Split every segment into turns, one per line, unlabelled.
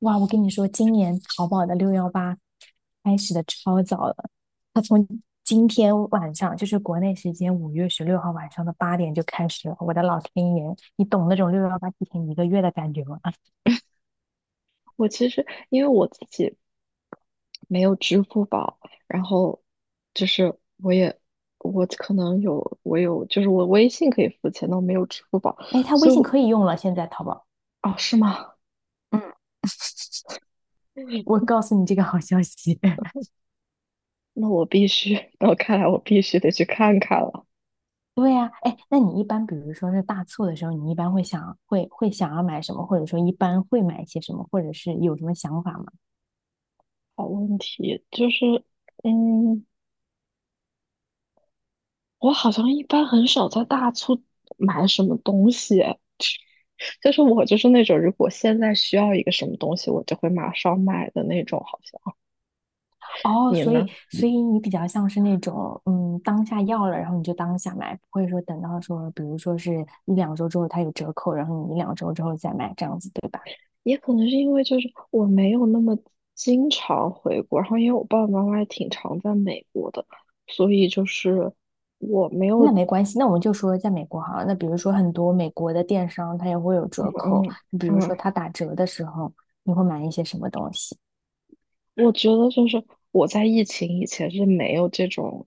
哇，我跟你说，今年淘宝的六幺八开始的超早了，它从今天晚上，就是国内时间5月16号晚上的八点就开始了。我的老天爷，你懂那种六幺八提前一个月的感觉吗？
我其实因为我自己没有支付宝，然后就是我也我可能有我有就是我微信可以付钱，但我没有支付宝，
哎，他微
所以
信
我
可以用了，现在淘宝。
哦是吗？
嗯。我告诉你这个好消息。
那我必须，那我看来我必须得去看看了。
对呀，哎，那你一般比如说是大促的时候，你一般会想要买什么，或者说一般会买一些什么，或者是有什么想法吗？
好问题就是，嗯，我好像一般很少在大促买什么东西，就是我就是那种如果现在需要一个什么东西，我就会马上买的那种，好像
哦，
你
所
呢？
以所以你比较像是那种，嗯，当下要了，然后你就当下买，不会说等到说，比如说是一两周之后它有折扣，然后你一两周之后再买这样子，对吧？
也可能是因为就是我没有那么经常回国，然后因为我爸爸妈妈也挺常在美国的，所以就是我没
那
有，
没关系，那我们就说在美国好了，那比如说很多美国的电商它也会有折扣，
嗯
比如
嗯，
说它打折的时候，你会买一些什么东西？
我觉得就是我在疫情以前是没有这种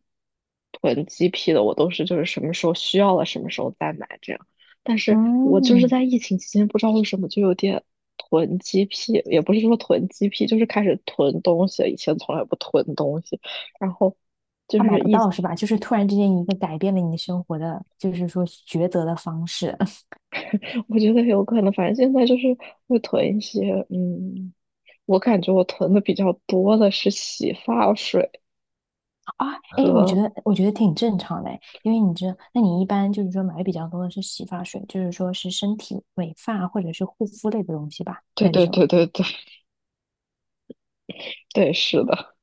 囤积癖的，我都是就是什么时候需要了什么时候再买这样，但是我就是
嗯，
在疫情期间不知道为什么就有点。囤积癖也不是说囤积癖，就是开始囤东西以前从来不囤东西，然后就
它买
是
不
疫
到是吧？就是突然之间一个改变了你生活的，就是说抉择的方式。
我觉得有可能，反正现在就是会囤一些，我感觉我囤的比较多的是洗发水。
啊，哎，我觉得挺正常的诶，因为你知道，那你一般就是说买的比较多的是洗发水，就是说是身体美发或者是护肤类的东西吧，
对
还是
对
什么？
对对对对，是的，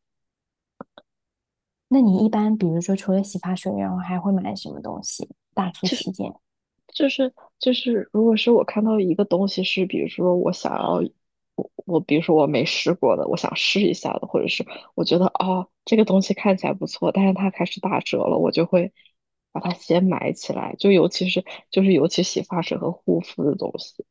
那你一般比如说除了洗发水，然后还会买什么东西？大促期间。
就是，如果是我看到一个东西是，比如说我想要，我比如说我没试过的，我想试一下的，或者是我觉得哦这个东西看起来不错，但是它开始打折了，我就会把它先买起来，就尤其是就是尤其洗发水和护肤的东西，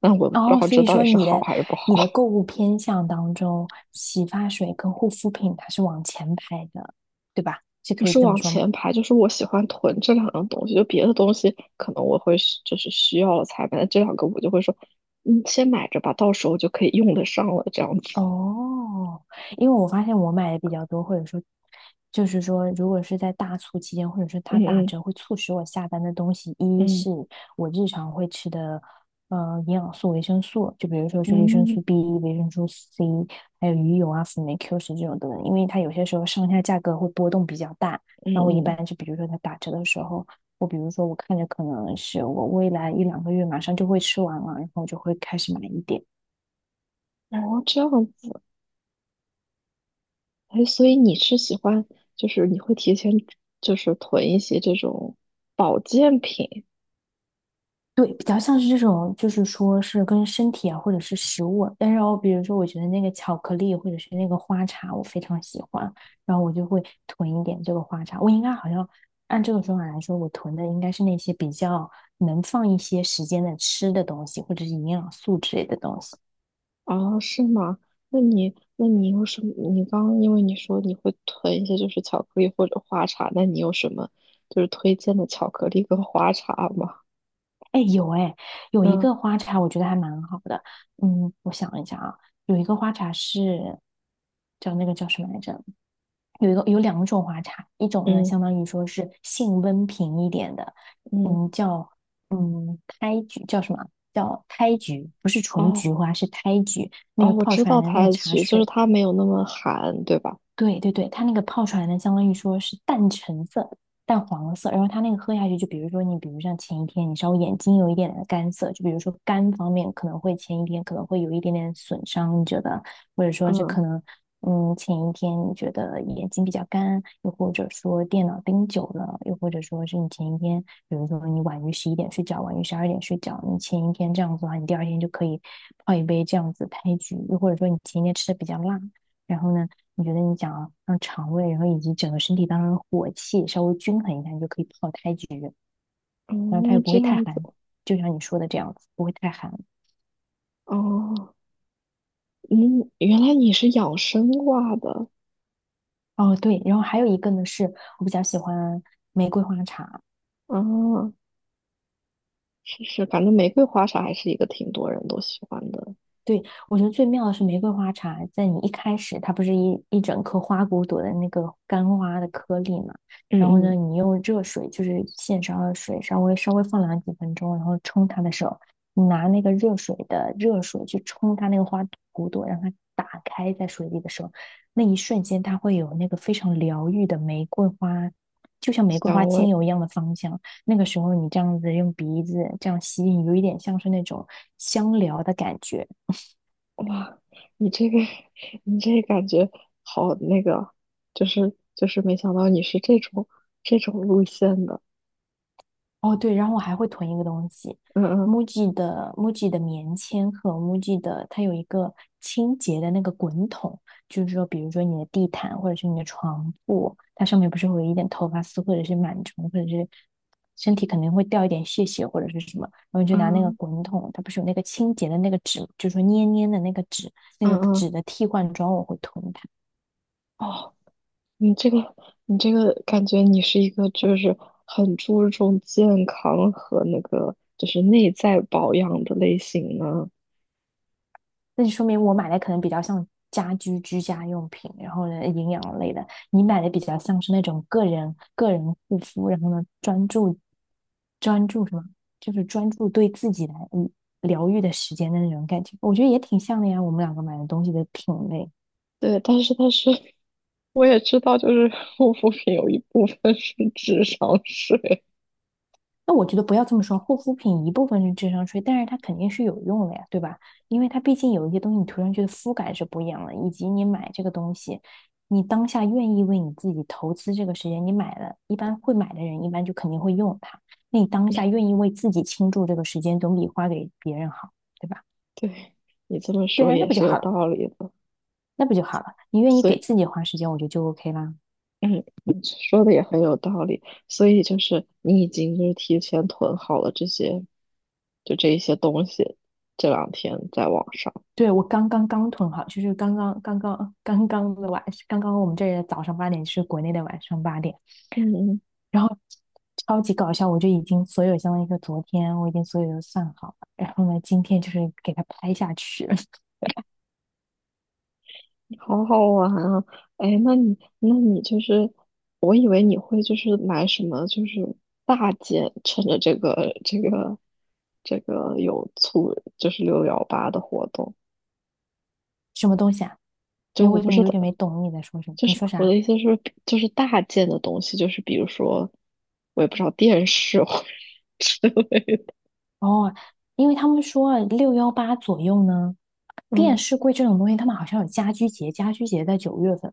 但我不知
哦，
道
所
这
以
到底
说
是
你
好
的
还是不好。
购物偏向当中，洗发水跟护肤品它是往前排的，对吧？是
不
可以
是
这么
往
说吗？
前排，就是我喜欢囤这两样东西。就别的东西可能我会需就是需要了才买，这两个我就会说，先买着吧，到时候就可以用得上了，这样子。
哦，因为我发现我买的比较多，或者说，就是说，如果是在大促期间，或者是它
嗯
打
嗯
折，会促使我下单的东西，一
嗯
是我日常会吃的，营养素、维生素，就比如说是维生素
嗯
B、维生素 C，还有鱼油啊、辅酶Q10这种等等，因为它有些时候上下价格会波动比较大，然后我一
嗯
般就比如说它打折的时候，我比如说我看着可能是我未来一两个月马上就会吃完了，然后我就会开始买一点。
嗯，哦，这样子。哎，所以你是喜欢，就是你会提前就是囤一些这种保健品，
对，比较像是这种，就是说是跟身体啊，或者是食物啊，但是哦，比如说，我觉得那个巧克力或者是那个花茶，我非常喜欢，然后我就会囤一点这个花茶。我应该好像按这个说法来说，我囤的应该是那些比较能放一些时间的吃的东西，或者是营养素之类的东西。
哦，是吗？那你，那你有什么？你刚刚因为你说你会囤一些就是巧克力或者花茶，那你有什么就是推荐的巧克力跟花茶吗？
哎，有哎，有一
嗯
个花茶，我觉得还蛮好的。嗯，我想一下啊，有一个花茶是叫那个叫什么来着？有一个有两种花茶，一种呢
嗯
相当于说是性温平一点的，
嗯，
嗯，叫胎菊，叫什么？叫胎菊，不是纯
哦
菊花，是胎菊。那
哦，
个
我
泡
知
出来
道
的那个
胎
茶
菊，就是
水
它没有那么寒，对吧？
对对对，它那个泡出来呢，相当于说是淡橙色、淡黄色，然后它那个喝下去，就比如说你，比如像前一天你稍微眼睛有一点点干涩，就比如说肝方面可能会前一天可能会有一点点损伤，你觉得，或者说是
嗯
可能，嗯，前一天你觉得眼睛比较干，又或者说电脑盯久了，又或者说是你前一天，比如说你晚于11点睡觉，晚于12点睡觉，你前一天这样子的话，你第二天就可以泡一杯这样子开局，又或者说你前一天吃的比较辣。然后呢，你觉得你想要让肠胃，然后以及整个身体当中的火气稍微均衡一下，你就可以泡胎菊。然后它又
哦，
不
这
会太
样子
寒，就像你说的这样子，不会太寒。
哦，嗯，原来你是养生挂的
哦，对，然后还有一个呢，是我比较喜欢玫瑰花茶。
啊，哦是是，反正玫瑰花茶还是一个挺多人都喜欢的，
对，我觉得最妙的是玫瑰花茶，在你一开始，它不是一整颗花骨朵的那个干花的颗粒嘛？
嗯
然后呢，
嗯，
你用热水，就是现烧的水，稍微稍微放凉几分钟，然后冲它的时候，你拿那个热水的热水去冲它那个花骨朵，让它打开在水里的时候，那一瞬间它会有那个非常疗愈的玫瑰花，就像玫瑰
香
花精
味。
油一样的芳香。那个时候你这样子用鼻子这样吸，有一点像是那种香疗的感觉。
哇，你这个，你这感觉好那个，就是没想到你是这种路线的，
哦，对，然后我还会囤一个东西
嗯嗯
，MUJI 的 MUJI 的棉签和 MUJI 的，它有一个清洁的那个滚筒，就是说，比如说你的地毯或者是你的床铺，它上面不是会有一点头发丝或者是螨虫，或者是身体肯定会掉一点屑屑或者是什么，然后你就拿那个
嗯
滚筒，它不是有那个清洁的那个纸，就是说捏捏的那个纸，那
嗯
个纸
嗯，
的替换装，我会囤它。
哦，你这个你这个感觉你是一个就是很注重健康和那个就是内在保养的类型呢。
那就说明我买的可能比较像家居居家用品，然后呢营养类的，你买的比较像是那种个人护肤，然后呢专注什么，就是专注对自己来疗愈的时间的那种感觉，我觉得也挺像的呀，我们两个买的东西的品类。
对，但是我也知道，就是护肤品有一部分是 智商税。
那我觉得不要这么说，护肤品一部分是智商税，但是它肯定是有用的呀，对吧？因为它毕竟有一些东西你涂上去的肤感是不一样的，以及你买这个东西，你当下愿意为你自己投资这个时间，你买了，一般会买的人一般就肯定会用它。那你当下愿意为自己倾注这个时间，总比花给别人好，对吧？
对，你这么
对
说
啊，那
也
不就
是有
好了，
道理的。
那不就好了。你愿意
所以。
给自己花时间，我觉得就 OK 啦。
嗯，你说的也很有道理，所以就是你已经就是提前囤好了这些，就这一些东西，这两天在网上，
对，我刚囤好，就是刚刚的晚，刚刚我们这里的早上八点是国内的晚上八点。
嗯，
然后超级搞笑，我就已经所有相当于说昨天我已经所有都算好了，然后呢，今天就是给它拍下去。
好好玩啊！哎，那你就是，我以为你会就是买什么就是大件，趁着这个有促就是六幺八的活动，
什么东西啊？
就
哎，
我
我怎
不
么
知
有
道
点没懂你在说什么？
就
你
是
说
我
啥？
的意思是，就是大件的东西，就是比如说，我也不知道电视或者 之类的
哦，因为他们说啊六幺八左右呢，电
嗯，
视柜这种东西，他们好像有家居节，家居节在九月份。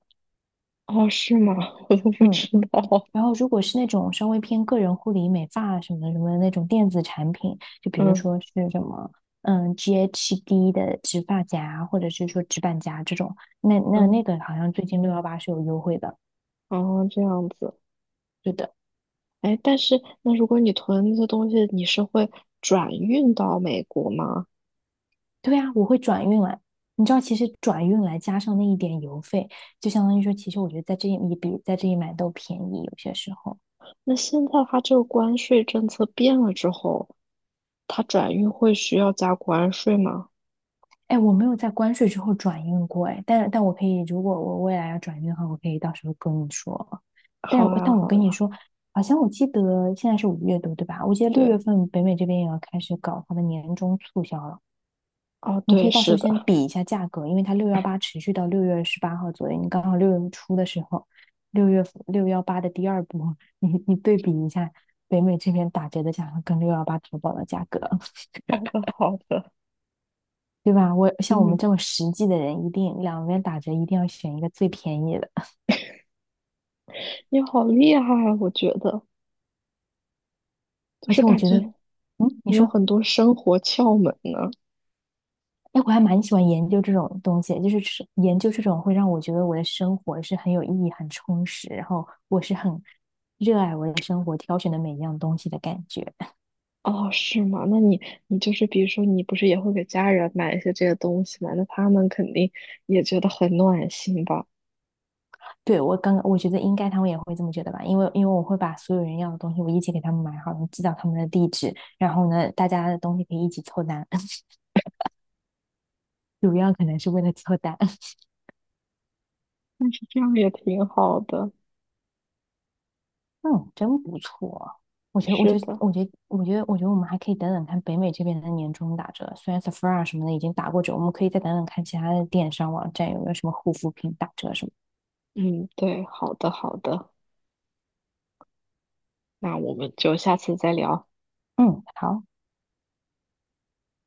哦，是吗？我都不知
嗯，
道。
然后，如果是那种稍微偏个人护理、美发什么什么的那种电子产品，就比如
嗯
说是什么，嗯，GHD 的直发夹，或者是说直板夹这种，
嗯，
那个好像最近六幺八是有优惠的。
哦，这样子。
对的。
哎，但是那如果你囤那些东西，你是会转运到美国吗？
对啊，我会转运来。你知道，其实转运来加上那一点邮费，就相当于说，其实我觉得在这里也比在这里买都便宜，有些时候。
那现在它这个关税政策变了之后，它转运会需要加关税吗？
哎，我没有在关税之后转运过哎，但我可以，如果我未来要转运的话，我可以到时候跟你说。
好呀，
但我
好
跟你
呀，
说，好像我记得现在是五月多，对吧？我记得六月
对，
份北美这边也要开始搞它的年终促销了，
哦，
你可
对，
以到时
是
候先
的，
比一下价格，因为它六幺八持续到6月18号左右，你刚好六月初的时候，六月六幺八的第二波，你对比一下北美这边打折的价格跟六幺八淘宝的价格。
好的，好的，
对吧？我像我们
嗯。
这么实际的人，一定两边打折，一定要选一个最便宜的。
你好厉害啊，我觉得就
而
是
且我
感
觉得，
觉
嗯，你
你有
说，
很多生活窍门呢。
哎，我还蛮喜欢研究这种东西，就是吃研究这种会让我觉得我的生活是很有意义、很充实，然后我是很热爱我的生活，挑选的每一样东西的感觉。
哦，是吗？那你你就是比如说，你不是也会给家人买一些这些东西吗？那他们肯定也觉得很暖心吧？
对，我刚刚我觉得应该他们也会这么觉得吧，因为我会把所有人要的东西我一起给他们买好，然后寄到他们的地址，然后呢，大家的东西可以一起凑单，主要可能是为了凑单。
这样也挺好的。
嗯，真不错。
是的，
我觉得我们还可以等等看北美这边的年终打折。虽然 Sephora 什么的已经打过折，我们可以再等等看其他的电商网站有没有什么护肤品打折什么。
嗯，对，好的，好的。那我们就下次再聊。
嗯，好。